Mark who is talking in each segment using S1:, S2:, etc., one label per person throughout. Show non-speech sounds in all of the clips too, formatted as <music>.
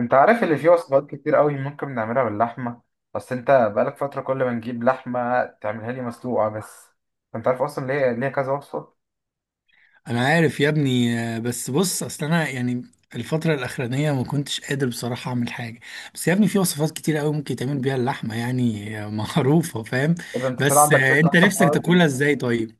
S1: انت عارف اللي فيه وصفات كتير قوي ممكن نعملها باللحمه. بس انت بقالك فتره كل ما نجيب لحمه تعملها لي مسلوقه بس. انت عارف اصلا ليه كذا وصفه؟
S2: انا عارف يا ابني بس بص اصل انا يعني الفترة الأخرانية ما كنتش قادر بصراحة أعمل حاجة. بس يا ابني في وصفات كتير قوي ممكن تعمل بيها اللحمة يعني <laughs> معروفة فاهم.
S1: اذا انت طلع
S2: بس
S1: عندك فكره
S2: أنت
S1: اصلا في
S2: نفسك
S1: الحوارات دي.
S2: تاكلها إزاي طيب؟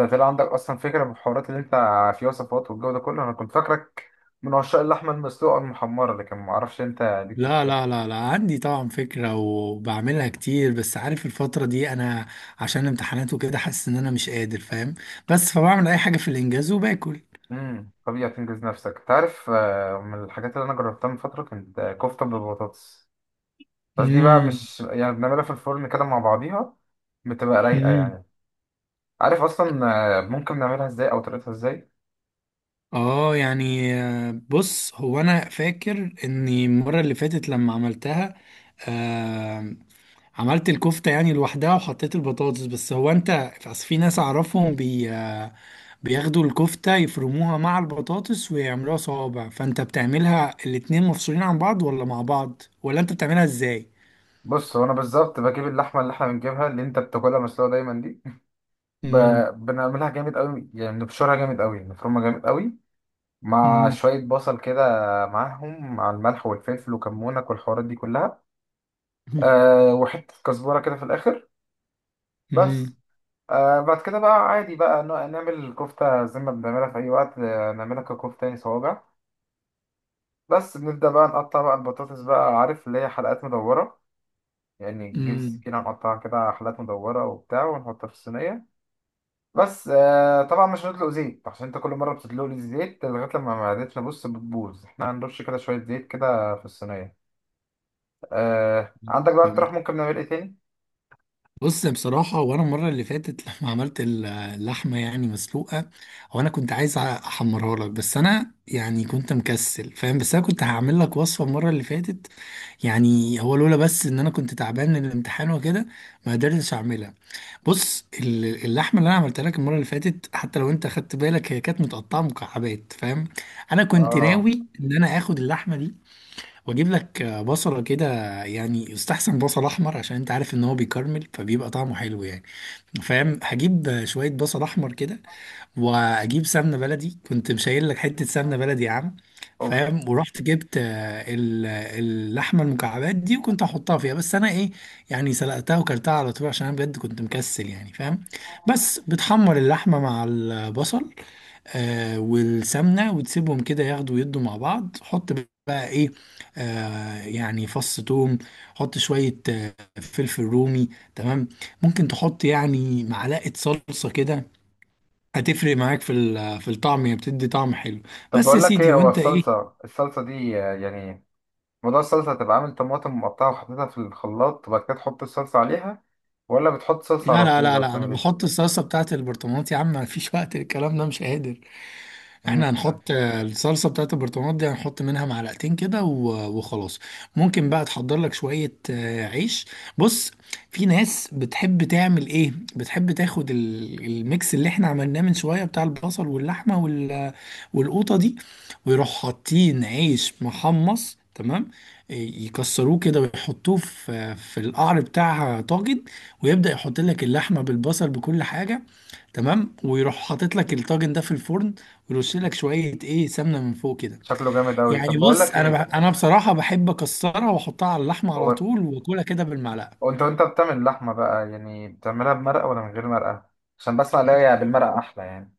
S1: انت طلع عندك اصلا فكره في الحوارات اللي انت، في وصفات والجو ده كله، انا كنت فاكرك من عشاق اللحمه المسلوقه المحمره، لكن ما اعرفش انت ليك في
S2: لا،
S1: الحاجات
S2: لا،
S1: دي.
S2: لا، لا، عندي طبعا فكرة وبعملها كتير بس عارف الفترة دي أنا عشان امتحانات وكده حاسس إن أنا مش قادر فاهم. بس فبعمل أي حاجة في الإنجاز وباكل.
S1: طبيعي تنجز نفسك. انت عارف، من الحاجات اللي انا جربتها من فتره كانت كفته بالبطاطس. بس دي بقى
S2: امم.
S1: مش يعني بنعملها في الفرن كده مع بعضيها، بتبقى رايقه يعني. عارف اصلا ممكن نعملها ازاي او طريقتها ازاي؟
S2: اه يعني بص هو انا فاكر اني المره اللي فاتت لما عملتها. آه. عملت الكفته يعني لوحدها وحطيت البطاطس بس هو انت أصل في ناس اعرفهم بي آه، بياخدوا الكفته يفرموها مع البطاطس ويعملوها صوابع. فانت بتعملها الاتنين مفصولين عن بعض ولا مع بعض ولا انت بتعملها ازاي؟
S1: بص، هو انا بالظبط بجيب اللحمه اللي احنا بنجيبها اللي انت بتاكلها مسلوقه دايما دي، ب...
S2: امم.
S1: بنعملها جامد قوي. يعني نبشرها جامد قوي، نفرمها جامد قوي، مع شويه بصل كده، معاهم مع الملح والفلفل وكمونك والحوارات دي كلها، أه وحته كزبره كده في الاخر، بس.
S2: امم.
S1: أه بعد كده بقى عادي بقى نعمل الكفته زي ما بنعملها في اي وقت. نعملها ككفته يعني صوابع، بس بنبدا بقى نقطع بقى البطاطس بقى. عارف اللي هي حلقات مدوره، يعني نجيب
S2: امم.
S1: السكينة نقطعها كده حلقات مدورة وبتاع ونحطها في الصينية بس. طبعا مش هنطلق زيت، عشان انت كل مرة بتدلق لي الزيت لغاية لما معدتنا، بص، بتبوظ. احنا هنرش كده شوية زيت كده في الصينية. عندك بقى اقتراح ممكن نعمل ايه تاني؟
S2: بص بصراحة وأنا المرة اللي فاتت لما عملت اللحمة يعني مسلوقة. هو أنا كنت عايز أحمرها لك بس أنا يعني كنت مكسل فاهم. بس أنا كنت هعمل لك وصفة المرة اللي فاتت. يعني هو لولا بس إن أنا كنت تعبان من الامتحان وكده ما قدرتش أعملها. بص اللحمة اللي أنا عملتها لك المرة اللي فاتت حتى لو أنت خدت بالك هي كانت متقطعة مكعبات فاهم. أنا كنت
S1: اه،
S2: ناوي إن أنا آخد اللحمة دي واجيب لك بصلة كده. يعني يستحسن بصل احمر عشان انت عارف ان هو بيكرمل فبيبقى طعمه حلو يعني فاهم. هجيب شوية بصل احمر كده واجيب سمنة بلدي. كنت مشايل لك حتة سمنة بلدي يا عم
S1: اوف.
S2: فاهم. ورحت جبت اللحمة المكعبات دي وكنت هحطها فيها. بس انا ايه يعني سلقتها وكلتها على طول عشان انا بجد كنت مكسل يعني فاهم. بس بتحمر اللحمة مع البصل والسمنه وتسيبهم كده ياخدوا ويدوا مع بعض. حط بقى ايه؟ يعني فص توم. حط شويه فلفل رومي تمام. ممكن تحط يعني معلقه صلصه كده. هتفرق معاك في الطعم، هي بتدي طعم حلو
S1: طب
S2: بس يا
S1: بقول لك
S2: سيدي.
S1: ايه، هو
S2: وانت ايه؟
S1: الصلصة، الصلصة دي يعني موضوع الصلصة، هتبقى عامل طماطم مقطعة وحطيتها في الخلاط وبعد كده تحط الصلصة عليها، ولا بتحط صلصة
S2: لا،
S1: على
S2: لا،
S1: طول،
S2: لا،
S1: ولا
S2: لا، انا
S1: بتعمل ايه؟
S2: بحط الصلصه بتاعت البرطمانات يا عم مفيش وقت الكلام ده مش قادر.
S1: مم.
S2: احنا هنحط الصلصه بتاعت البرطمانات دي، هنحط منها معلقتين كده وخلاص. ممكن بقى تحضر لك شويه عيش. بص في ناس بتحب تعمل ايه، بتحب تاخد الميكس اللي احنا عملناه من شويه بتاع البصل واللحمه والقوطه دي ويروح حاطين عيش محمص تمام. ي- يكسروه كده ويحطوه في القعر بتاع طاجن ويبدأ يحط لك اللحمة بالبصل بكل حاجة تمام. ويروح حاطط لك الطاجن ده في الفرن ويرش لك شويه ايه سمنه من فوق كده.
S1: شكله جامد أوي.
S2: يعني
S1: طب بقول
S2: بص
S1: لك
S2: انا
S1: إيه،
S2: انا بصراحه بحب اكسرها واحطها على اللحمه على
S1: هو،
S2: طول واكلها كده بالمعلقه.
S1: وانت، وانت بتعمل اللحمة بقى، يعني بتعملها بمرقة ولا من غير مرقة؟ عشان بس الاقي بالمرقة احلى يعني.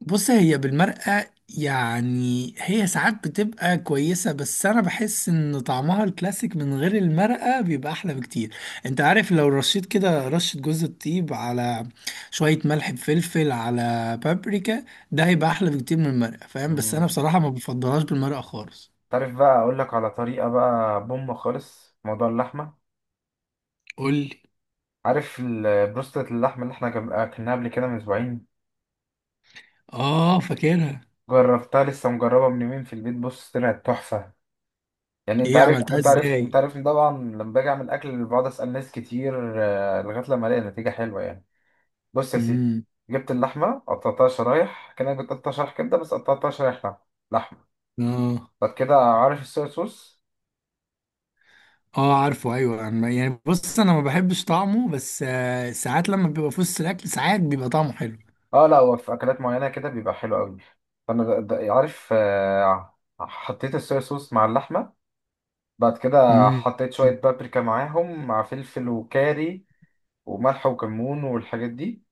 S2: بص هي بالمرقه. يعني هي ساعات بتبقى كويسه بس انا بحس ان طعمها الكلاسيك من غير المرقه بيبقى احلى بكتير. انت عارف لو رشيت كده رشه جوز الطيب على شويه ملح بفلفل على بابريكا، ده هيبقى احلى بكتير من المرقه فاهم. بس انا
S1: امم
S2: بصراحه ما بفضلهاش بالمرقه خالص.
S1: تعرف بقى اقول لك على طريقة بقى بوم خالص في موضوع اللحمة.
S2: قول لي.
S1: عارف بروستة اللحمة اللي احنا اكلناها قبل كده من اسبوعين،
S2: اه فاكرها.
S1: جربتها، لسه مجربة من يومين في البيت. بص، طلعت تحفة. يعني انت
S2: ايه
S1: عارف،
S2: عملتها ازاي؟
S1: طبعا لما باجي اعمل اكل بقعد اسال ناس كتير، لغايه لما الاقي نتيجه حلوه يعني. بص يا سيدي،
S2: امم.
S1: جبت اللحمه، قطعتها شرايح كانك بتقطع شرايح كبده، بس قطعتها شرايح لحمه.
S2: اه.
S1: بعد كده، عارف الصويا صوص.
S2: اه عارفه ايوه يعني بص انا ما بحبش طعمه بس ساعات لما بيبقى في وسط الاكل ساعات بيبقى طعمه حلو.
S1: اه لا، هو في اكلات معينه كده بيبقى حلو قوي. فانا ده عارف، حطيت الصويا صوص مع اللحمه. بعد كده
S2: امم.
S1: حطيت شويه بابريكا معاهم مع فلفل وكاري وملح وكمون والحاجات دي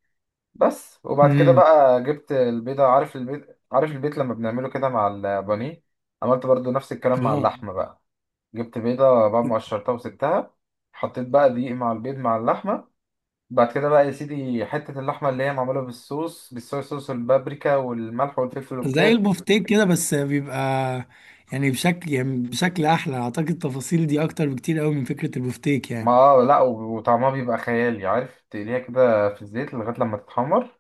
S1: بس. وبعد كده
S2: امم.
S1: بقى جبت البيضه. عارف البيض، عارف البيت لما بنعمله كده مع البانيه، عملت برضو نفس الكلام مع
S2: اه.
S1: اللحمه بقى. جبت بيضه بعد ما قشرتها وسبتها. حطيت بقى دقيق مع البيض مع اللحمه. بعد كده بقى يا سيدي حتة اللحمة اللي هي معمولة بالصوص، بالصويا صوص والبابريكا والملح والفلفل
S2: زي
S1: والكاري.
S2: البفتيك كده بس بيبقى يعني بشكل احلى. اعتقد التفاصيل دي اكتر بكتير قوي من فكرة البفتيك يعني.
S1: ما لا، وطعمها بيبقى خيالي. عارف، تقليها كده في الزيت لغاية لما تتحمر،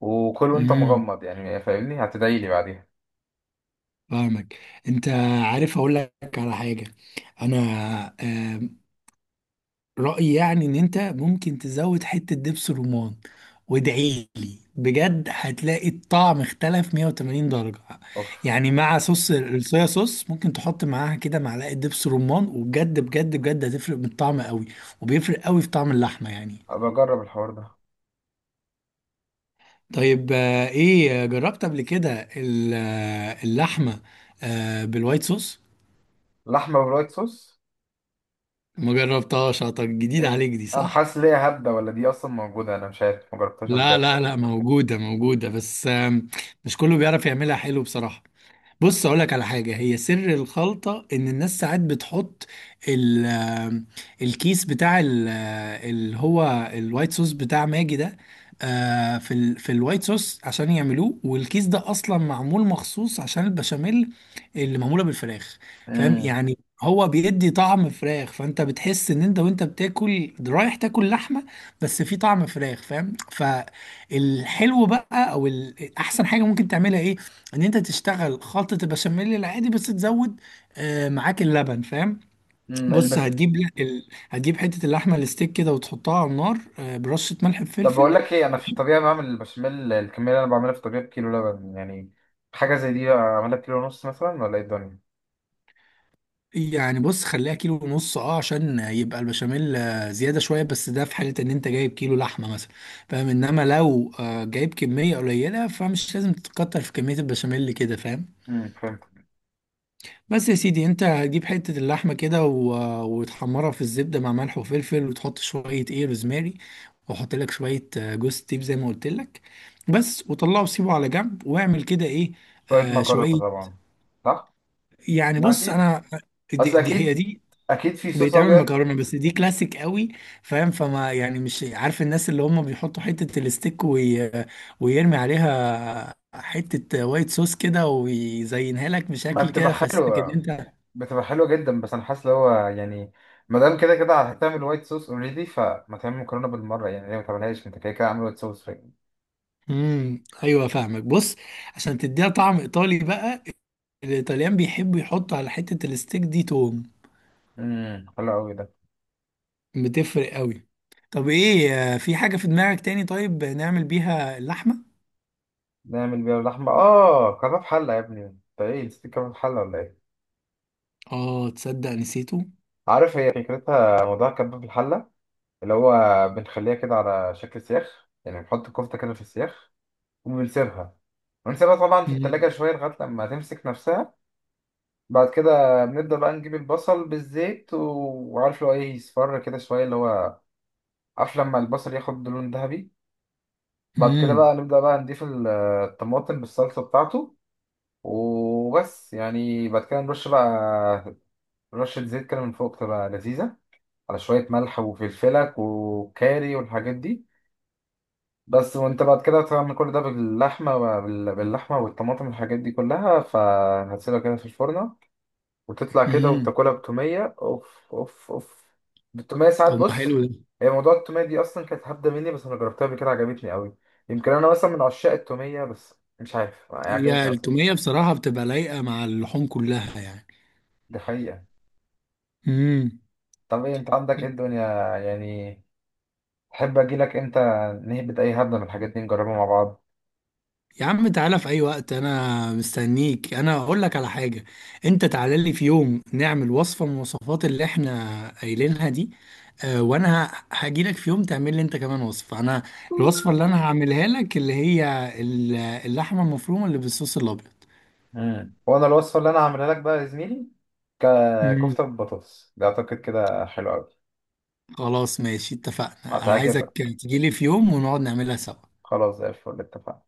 S1: وكل وانت
S2: امم.
S1: مغمض يعني. فاهمني، هتدعيلي بعديها.
S2: فاهمك. انت عارف اقول لك على حاجة. انا رأيي يعني ان انت ممكن تزود حتة دبس رمان. وادعي لي بجد هتلاقي الطعم اختلف 180 درجة.
S1: اوف.
S2: يعني مع صوص الصويا صوص ممكن تحط معاها كده معلقة دبس رمان وبجد بجد بجد هتفرق بالطعم قوي. وبيفرق قوي في طعم اللحمة يعني.
S1: أبقى أجرب الحوار ده.
S2: طيب ايه، جربت قبل كده اللحمة بالوايت صوص؟
S1: لحمة بالوايت صوص؟
S2: ما جربتهاش. طب جديد
S1: إيه؟
S2: عليك دي
S1: أنا
S2: صح.
S1: حاسس ليها هبدة، ولا دي أصلا موجودة؟ أنا مش عارف، مجربتهاش قبل
S2: لا،
S1: كده.
S2: لا، لا، موجودة موجودة بس مش كله بيعرف يعملها حلو بصراحة. بص اقول لك على حاجه، هي سر الخلطه ان الناس ساعات بتحط ال- آه، الكيس بتاع اللي هو الوايت صوص بتاع ماجي ده. في الوايت صوص عشان يعملوه. والكيس ده اصلا معمول مخصوص عشان البشاميل اللي معموله بالفراخ فاهم يعني. هو بيدي طعم فراخ. فانت بتحس ان انت وانت بتاكل رايح تاكل لحمه بس في طعم فراخ فاهم. فالحلو بقى او احسن حاجه ممكن تعملها ايه، ان انت تشتغل خلطة البشاميل العادي بس تزود معاك اللبن فاهم.
S1: امم
S2: بص هتجيب هتجيب حتة اللحمة الستيك كده وتحطها على النار، برشة ملح
S1: طب
S2: بفلفل.
S1: بقول لك ايه، انا في الطبيعه بعمل البشاميل، الكميه اللي انا بعملها في الطبيعه بكيلو لبن يعني. حاجه زي دي اعملها بكيلو ونص مثلا، ولا ايه الدنيا؟
S2: يعني بص خليها كيلو ونص اه عشان يبقى البشاميل زيادة شوية، بس ده في حالة ان انت جايب كيلو لحمة مثلا فاهم. انما لو جايب كمية قليلة فمش لازم تتكتر في كمية البشاميل كده فاهم.
S1: فهمت.
S2: بس يا سيدي انت هتجيب حتة اللحمة كده وتحمرها في الزبدة مع ملح وفلفل وتحط شوية ايه روزماري. وحط لك شوية جوز تيب زي ما قلت لك. بس وطلعه وسيبه على جنب واعمل كده ايه.
S1: شويه
S2: آه
S1: مكرونه
S2: شوية.
S1: طبعا. صح.
S2: يعني
S1: ما
S2: بص
S1: اكيد،
S2: انا دي,
S1: اصل
S2: دي هي
S1: اكيد،
S2: دي
S1: اكيد في صوص
S2: بيتعمل
S1: ابيض.
S2: مكرونة بس دي كلاسيك قوي فاهم. فما يعني مش عارف الناس اللي هم بيحطوا حتة الستيك ويرمي عليها حتة وايت صوص كده ويزينها لك
S1: ما
S2: بشكل
S1: بتبقى
S2: كده خسيتك ان
S1: حلوه،
S2: انت.
S1: بتبقى حلوه جدا. بس انا حاسس اللي هو يعني، ما دام كده كده هتعمل وايت صوص اوريدي، فما تعمل مكرونه بالمره يعني؟ ليه ما تعملهاش انت كده كده عامل وايت صوص؟
S2: امم. ايوه فاهمك. بص عشان تديها طعم ايطالي بقى، الايطاليان بيحبوا يحطوا على حته الستيك دي توم.
S1: حلو قوي ده.
S2: بتفرق قوي. طب ايه، في حاجه في دماغك تاني طيب نعمل بيها اللحمه؟
S1: نعمل بيها اللحمه، اه كباب حله يا ابني. انت ايه، نسيت كباب حله ولا ايه؟
S2: اه تصدق نسيته.
S1: عارف هي فكرتها، موضوع كبة الحلة اللي هو، بنخليها كده على شكل سياخ، يعني بنحط الكفتة كده في السياخ وبنسيبها، ونسيبها طبعا في التلاجة
S2: امم.
S1: شوية لغاية لما تمسك نفسها. بعد كده بنبدأ بقى نجيب البصل بالزيت وعارف اللي هو ايه، يصفر كده شوية اللي هو، عارف لما البصل ياخد لون ذهبي. بعد كده
S2: امم.
S1: بقى نبدأ بقى نضيف الطماطم بالصلصة بتاعته، وبس يعني. بعد كده نرش بقى رشة زيت كده من فوق، تبقى لذيذة، على شوية ملح وفلفلك وكاري والحاجات دي بس. وانت بعد كده تعمل كل ده باللحمة، باللحمة والطماطم والحاجات دي كلها، فهتسيبها كده في الفرن وتطلع كده،
S2: امم.
S1: وتاكلها بتومية. اوف اوف اوف! بالتومية
S2: طب
S1: ساعات،
S2: ما حلو
S1: بص،
S2: ده.
S1: هي موضوع التومية دي أصلا كانت هبدة مني، بس أنا جربتها قبل كده، عجبتني أوي. يمكن أنا مثلا من عشاق التومية، بس مش عارف، هي
S2: هي
S1: عجبتني أوي.
S2: التوميه بصراحه بتبقى لايقه مع اللحوم كلها يعني.
S1: دي حقيقة.
S2: امم.
S1: طب إيه أنت عندك إيه الدنيا يعني؟ تحب أجيلك إمتى نهبط أي هبدة من الحاجات دي نجربها مع بعض؟
S2: يا عم تعالى في اي وقت انا مستنيك. انا اقول لك على حاجه، انت تعالى لي في يوم نعمل وصفه من الوصفات اللي احنا قايلينها دي. آه وانا هاجي لك في يوم تعمل لي انت كمان وصفه. انا الوصفه اللي انا هعملها لك اللي هي اللحمه المفرومه اللي بالصوص الابيض.
S1: مم. وانا الوصفه اللي انا هعملها لك بقى يا زميلي
S2: مم.
S1: ككفته بالبطاطس ده، اعتقد كده حلو قوي.
S2: خلاص ماشي اتفقنا. انا عايزك
S1: هتعجبك.
S2: تجي لي في يوم ونقعد نعملها سوا.
S1: خلاص زي الفل، اتفقنا.